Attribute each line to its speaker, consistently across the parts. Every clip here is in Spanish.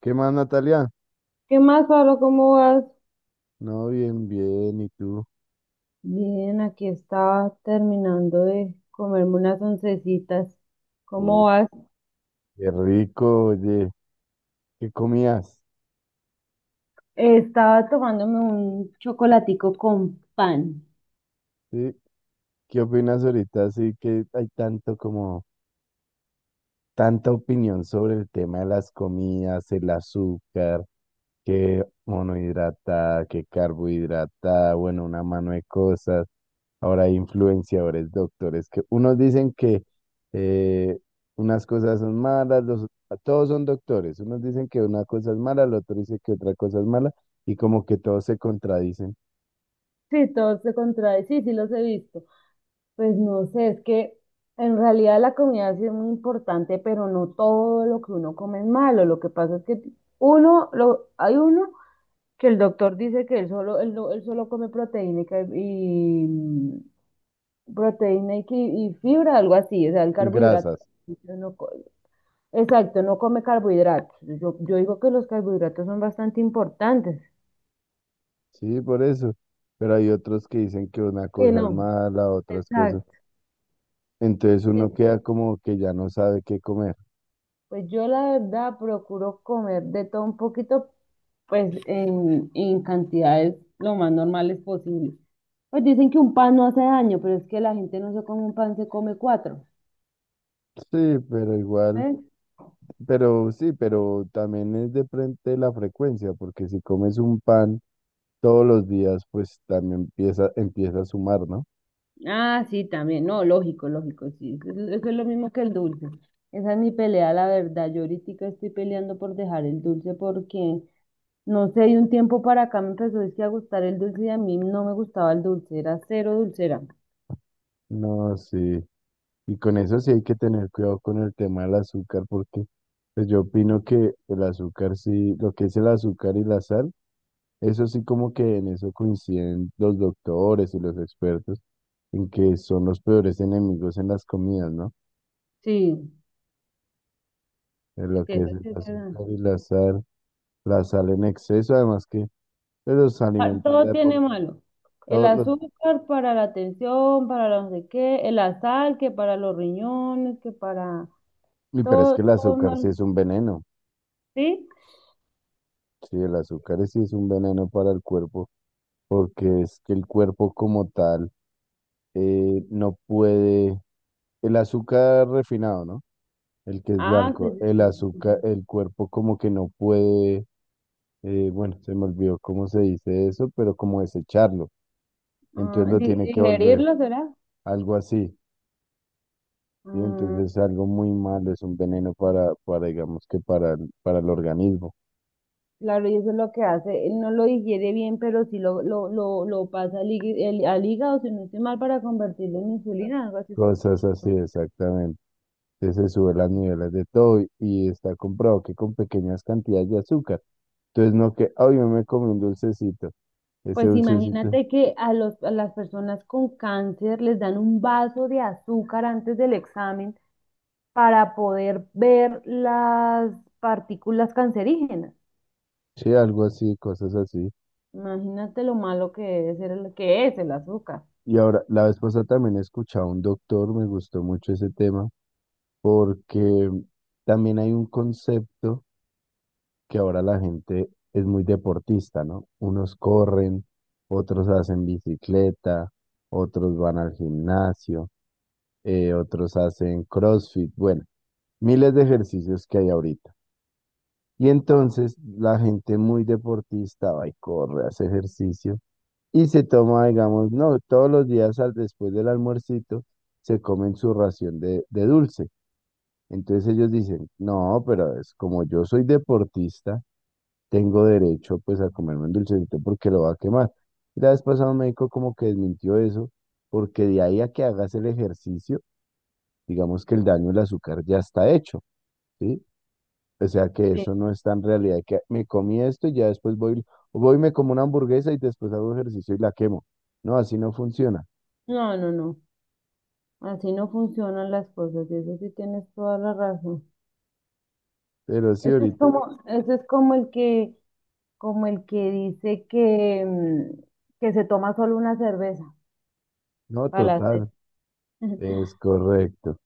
Speaker 1: ¿Qué más, Natalia?
Speaker 2: ¿Qué más, Pablo? ¿Cómo vas?
Speaker 1: No, bien, bien. ¿Y tú?
Speaker 2: Bien, aquí estaba terminando de comerme unas oncecitas. ¿Cómo
Speaker 1: Uy,
Speaker 2: vas?
Speaker 1: qué rico, oye. ¿Qué comías?
Speaker 2: Estaba tomándome un chocolatico con pan.
Speaker 1: ¿Sí? ¿Qué opinas ahorita? Sí, que hay tanto como tanta opinión sobre el tema de las comidas, el azúcar, que monohidrata, que carbohidrata, bueno, una mano de cosas. Ahora hay influenciadores, doctores, que unos dicen que eh, unas cosas son todos son doctores. Unos dicen que una cosa es mala, el otro dice que otra cosa es mala, y como que todos se contradicen.
Speaker 2: Sí, todo se contrae. Sí, sí los he visto. Pues no sé, es que en realidad la comida sí es muy importante, pero no todo lo que uno come es malo. Lo que pasa es que uno, lo, hay uno que el doctor dice que él solo, él, él solo come proteína y, y, proteína y, y fibra, algo así, o sea, el
Speaker 1: Y
Speaker 2: carbohidrato.
Speaker 1: grasas,
Speaker 2: Yo no co- exacto, no come carbohidratos. Yo digo que los carbohidratos son bastante importantes.
Speaker 1: sí, por eso. Pero hay otros que dicen que una
Speaker 2: Que
Speaker 1: cosa es
Speaker 2: no,
Speaker 1: mala, otras cosas.
Speaker 2: exacto.
Speaker 1: Entonces
Speaker 2: Sí.
Speaker 1: uno queda como que ya no sabe qué comer.
Speaker 2: Pues yo la verdad procuro comer de todo un poquito, pues en cantidades lo más normales posible. Pues dicen que un pan no hace daño, pero es que la gente no se come un pan, se come cuatro.
Speaker 1: Sí, pero igual,
Speaker 2: ¿Eh?
Speaker 1: pero sí, pero también es de frente la frecuencia, porque si comes un pan todos los días, pues también empieza a sumar, ¿no?
Speaker 2: Ah, sí, también. No, lógico, lógico, sí. Eso es lo mismo que el dulce. Esa es mi pelea, la verdad. Yo ahorita estoy peleando por dejar el dulce porque, no sé, de un tiempo para acá me empezó es que, a gustar el dulce y a mí no me gustaba el dulce, era cero dulcera.
Speaker 1: No, sí. Y con eso sí hay que tener cuidado con el tema del azúcar, porque pues yo opino que el azúcar sí, lo que es el azúcar y la sal, eso sí como que en eso coinciden los doctores y los expertos, en que son los peores enemigos en las comidas, ¿no?
Speaker 2: Sí,
Speaker 1: De lo
Speaker 2: sí,
Speaker 1: que
Speaker 2: eso
Speaker 1: es el
Speaker 2: sí es verdad.
Speaker 1: azúcar y la sal en exceso, además que pues, los
Speaker 2: Ah,
Speaker 1: alimentos
Speaker 2: todo
Speaker 1: ya
Speaker 2: tiene
Speaker 1: por
Speaker 2: malo. El
Speaker 1: todos los...
Speaker 2: azúcar para la tensión, para la no sé qué, el azar, que para los riñones, que para
Speaker 1: Y pero es
Speaker 2: todo,
Speaker 1: que el
Speaker 2: todo es
Speaker 1: azúcar sí
Speaker 2: malo.
Speaker 1: es un veneno,
Speaker 2: ¿Sí?
Speaker 1: sí, el azúcar sí es un veneno para el cuerpo. Porque es que el cuerpo como tal no puede, el azúcar refinado, ¿no? El que es
Speaker 2: Ah, sí,
Speaker 1: blanco, el
Speaker 2: sí,
Speaker 1: azúcar,
Speaker 2: sí.
Speaker 1: el cuerpo como que no puede, bueno, se me olvidó cómo se dice eso, pero como desecharlo,
Speaker 2: Ah,
Speaker 1: entonces lo tiene que volver,
Speaker 2: digerirlo, ¿será?
Speaker 1: algo así, y
Speaker 2: Ah,
Speaker 1: entonces es algo muy malo, es un veneno para digamos que para el organismo.
Speaker 2: claro, y eso es lo que hace. Él no lo digiere bien, pero sí lo pasa al, al hígado, si no estoy mal, para convertirlo en insulina, algo así. Es que
Speaker 1: Cosas así,
Speaker 2: escuché.
Speaker 1: exactamente. Entonces se suben las niveles de todo y está comprobado que con pequeñas cantidades de azúcar. Entonces no que, ay, yo me comí un dulcecito. Ese
Speaker 2: Pues
Speaker 1: dulcecito,
Speaker 2: imagínate que a, los, a las personas con cáncer les dan un vaso de azúcar antes del examen para poder ver las partículas cancerígenas.
Speaker 1: sí, algo así, cosas así.
Speaker 2: Imagínate lo malo que es, que es el azúcar.
Speaker 1: Y ahora, la vez pasada también he escuchado a un doctor, me gustó mucho ese tema, porque también hay un concepto que ahora la gente es muy deportista, ¿no? Unos corren, otros hacen bicicleta, otros van al gimnasio. Otros hacen CrossFit, bueno, miles de ejercicios que hay ahorita. Y entonces la gente muy deportista va y corre, hace ejercicio y se toma, digamos, no, todos los días después del almuercito se comen su ración de dulce. Entonces ellos dicen, no, pero es como yo soy deportista, tengo derecho pues a comerme un dulcecito porque lo va a quemar. Y la vez pasada un médico como que desmintió eso, porque de ahí a que hagas el ejercicio, digamos que el daño del azúcar ya está hecho, ¿sí? O sea que
Speaker 2: Sí.
Speaker 1: eso no está en realidad, que me comí esto y ya después voy, voy y me como una hamburguesa y después hago ejercicio y la quemo. No, así no funciona.
Speaker 2: No, no, no. Así no funcionan las cosas, y eso sí tienes toda la razón.
Speaker 1: Pero sí, ahorita,
Speaker 2: Ese es como el que dice que, que se toma solo una cerveza
Speaker 1: no,
Speaker 2: para la sed.
Speaker 1: total, es correcto.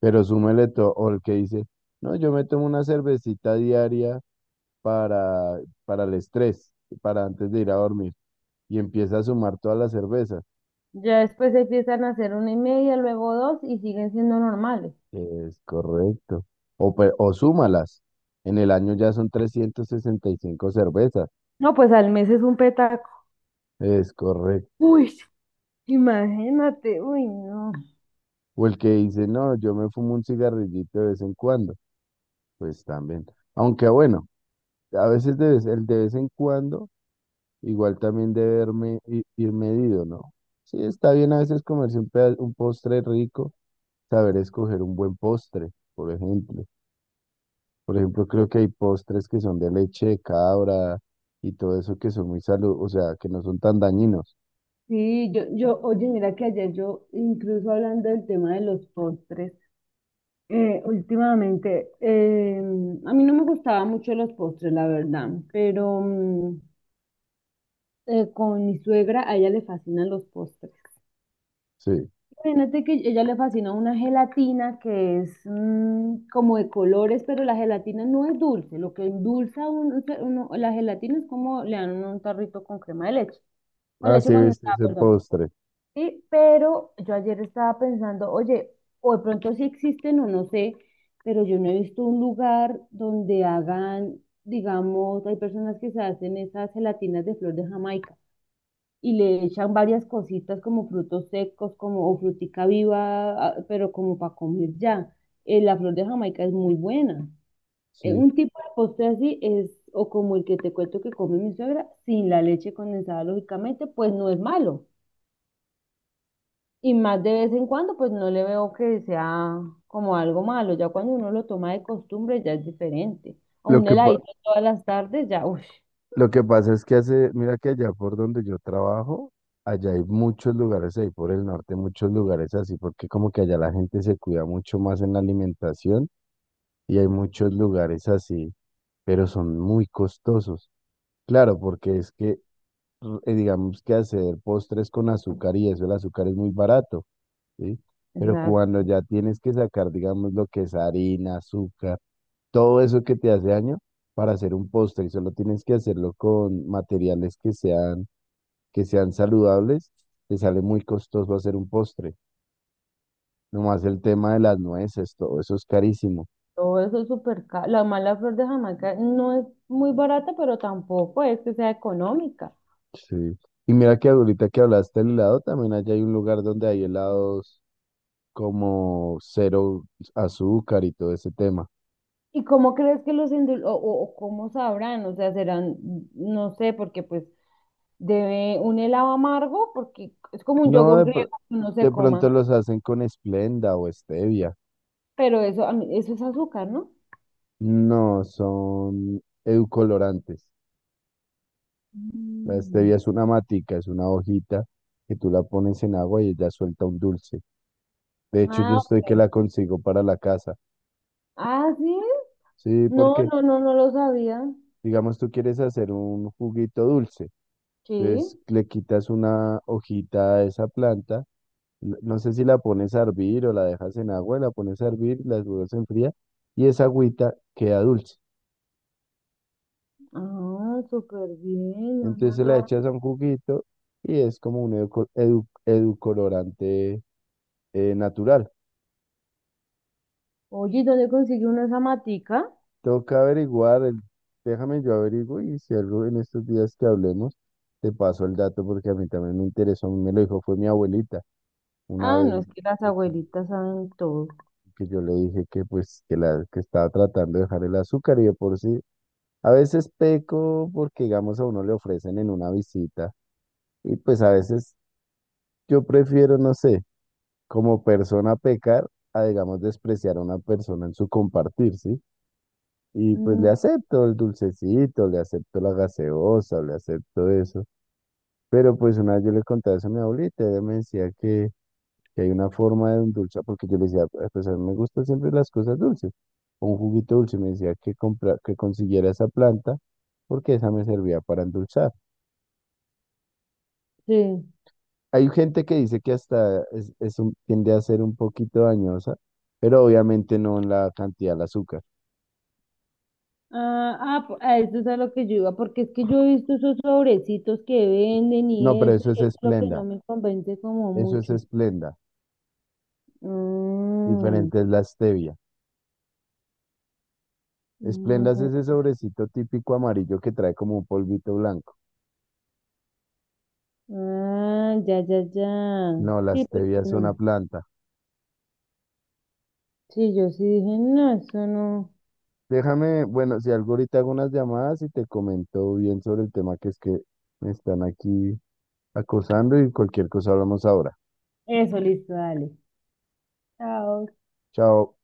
Speaker 1: Pero súmele todo, o el que dice, no, yo me tomo una cervecita diaria para, para el estrés, para antes de ir a dormir, y empieza a sumar todas las cervezas.
Speaker 2: Ya después empiezan a hacer una y media, luego dos, y siguen siendo normales.
Speaker 1: Es correcto. O súmalas. En el año ya son 365 cervezas.
Speaker 2: No, pues al mes es un petaco.
Speaker 1: Es correcto.
Speaker 2: Uy, imagínate, uy, no.
Speaker 1: O el que dice, no, yo me fumo un cigarrillito de vez en cuando. Pues también. Aunque bueno, a veces el de vez en cuando, igual también ir medido, ¿no? Sí, está bien a veces comerse un postre rico, saber escoger un buen postre, por ejemplo. Por ejemplo, creo que hay postres que son de leche de cabra y todo eso que son muy salud, o sea, que no son tan dañinos.
Speaker 2: Sí, yo, oye, mira que ayer yo, incluso hablando del tema de los postres, últimamente, a mí no me gustaban mucho los postres, la verdad, pero con mi suegra a ella le fascinan los postres.
Speaker 1: Sí.
Speaker 2: Imagínate que ella le fascina una gelatina que es como de colores, pero la gelatina no es dulce. Lo que endulza la gelatina es como le dan un tarrito con crema de leche, con
Speaker 1: Ah,
Speaker 2: leche
Speaker 1: sí, viste
Speaker 2: condensada,
Speaker 1: ese
Speaker 2: perdón.
Speaker 1: postre.
Speaker 2: Sí, pero yo ayer estaba pensando, oye, o de pronto sí existen o no sé, pero yo no he visto un lugar donde hagan, digamos, hay personas que se hacen esas gelatinas de flor de Jamaica y le echan varias cositas como frutos secos, como o frutica viva, ah, pero como para comer ya. La flor de Jamaica es muy buena.
Speaker 1: Sí.
Speaker 2: Un tipo de postre así es, o como el que te cuento que come mi suegra, sin la leche condensada, lógicamente, pues no es malo. Y más de vez en cuando, pues no le veo que sea como algo malo. Ya cuando uno lo toma de costumbre, ya es diferente. A
Speaker 1: Lo
Speaker 2: un
Speaker 1: que, pa-
Speaker 2: heladito todas las tardes, ya, uff,
Speaker 1: lo que pasa es que hace, mira que allá por donde yo trabajo, allá hay muchos lugares, ahí por el norte, muchos lugares así, porque como que allá la gente se cuida mucho más en la alimentación y hay muchos lugares así, pero son muy costosos. Claro, porque es que, digamos que hacer postres con azúcar y eso, el azúcar es muy barato. ¿Sí? Pero cuando
Speaker 2: exacto,
Speaker 1: ya tienes que sacar, digamos, lo que es harina, azúcar, todo eso que te hace daño para hacer un postre y solo tienes que hacerlo con materiales que sean saludables, te sale muy costoso hacer un postre. Nomás el tema de las nueces, todo eso es carísimo.
Speaker 2: todo eso es súper caro. La mala flor de Jamaica no es muy barata, pero tampoco es que sea económica.
Speaker 1: Sí. Y mira que ahorita que hablaste del helado, también allá hay un lugar donde hay helados como cero azúcar y todo ese tema.
Speaker 2: ¿Y cómo crees que los o cómo sabrán? O sea, serán, no sé, porque pues debe un helado amargo, porque es como un
Speaker 1: No,
Speaker 2: yogur
Speaker 1: de, pr-
Speaker 2: griego que uno se
Speaker 1: De
Speaker 2: coma,
Speaker 1: pronto los hacen con Esplenda o stevia.
Speaker 2: pero eso, eso es azúcar, ¿no?
Speaker 1: No, son eucolorantes. La
Speaker 2: Mm.
Speaker 1: stevia es una matica, es una hojita que tú la pones en agua y ella suelta un dulce. De hecho, yo
Speaker 2: Ah,
Speaker 1: estoy que
Speaker 2: ok.
Speaker 1: la consigo para la casa.
Speaker 2: Ah, sí.
Speaker 1: Sí,
Speaker 2: No,
Speaker 1: porque
Speaker 2: no, no, no lo sabía.
Speaker 1: digamos tú quieres hacer un juguito dulce,
Speaker 2: Sí.
Speaker 1: entonces le quitas una hojita a esa planta, no sé si la pones a hervir o la dejas en agua, la pones a hervir, la dudas en fría y esa agüita queda dulce.
Speaker 2: Ah, súper bien. No
Speaker 1: Entonces se la
Speaker 2: sabía.
Speaker 1: echas a un juguito y es como un educolorante natural.
Speaker 2: Oye, ¿y dónde consiguió una zamatica?
Speaker 1: Toca averiguar, el, déjame yo averiguo y si algo en estos días que hablemos, te paso el dato porque a mí también me interesó, a mí me lo dijo, fue mi abuelita, una
Speaker 2: Ah,
Speaker 1: vez
Speaker 2: no, es que las
Speaker 1: porque-
Speaker 2: abuelitas saben todo.
Speaker 1: que yo le dije que pues que la que estaba tratando de dejar el azúcar y de por sí, a veces peco porque digamos a uno le ofrecen en una visita y pues a veces yo prefiero, no sé, como persona pecar a digamos despreciar a una persona en su compartir, ¿sí? Y pues le
Speaker 2: Mm,
Speaker 1: acepto el dulcecito, le acepto la gaseosa, le acepto eso. Pero pues una vez yo le contaba eso a mi abuelita, ella me decía que hay una forma de endulzar, porque yo le decía, "Ah, pues a mí me gustan siempre las cosas dulces. O un juguito dulce", me decía que, compra, que consiguiera esa planta, porque esa me servía para endulzar.
Speaker 2: sí.
Speaker 1: Hay gente que dice que hasta es, tiende a ser un poquito dañosa, pero obviamente no en la cantidad de azúcar.
Speaker 2: Ah, ah, a eso es a lo que yo iba, porque es que yo he visto esos sobrecitos que venden
Speaker 1: No,
Speaker 2: y
Speaker 1: pero
Speaker 2: eso,
Speaker 1: eso es
Speaker 2: y es lo que no
Speaker 1: esplenda,
Speaker 2: me convence como
Speaker 1: eso es
Speaker 2: mucho.
Speaker 1: esplenda.
Speaker 2: Mm,
Speaker 1: Diferente es la stevia. Esplendas es
Speaker 2: mm,
Speaker 1: ese sobrecito típico amarillo que trae como un polvito blanco.
Speaker 2: ah, ya, ya, ya.
Speaker 1: No, la
Speaker 2: Sí, porque
Speaker 1: stevia es una
Speaker 2: no.
Speaker 1: planta.
Speaker 2: Sí, yo sí dije, no, eso no.
Speaker 1: Déjame, bueno, si algo ahorita hago unas llamadas y te comento bien sobre el tema que es que me están aquí acosando y cualquier cosa hablamos ahora.
Speaker 2: Eso, listo, dale. Chao.
Speaker 1: Chao.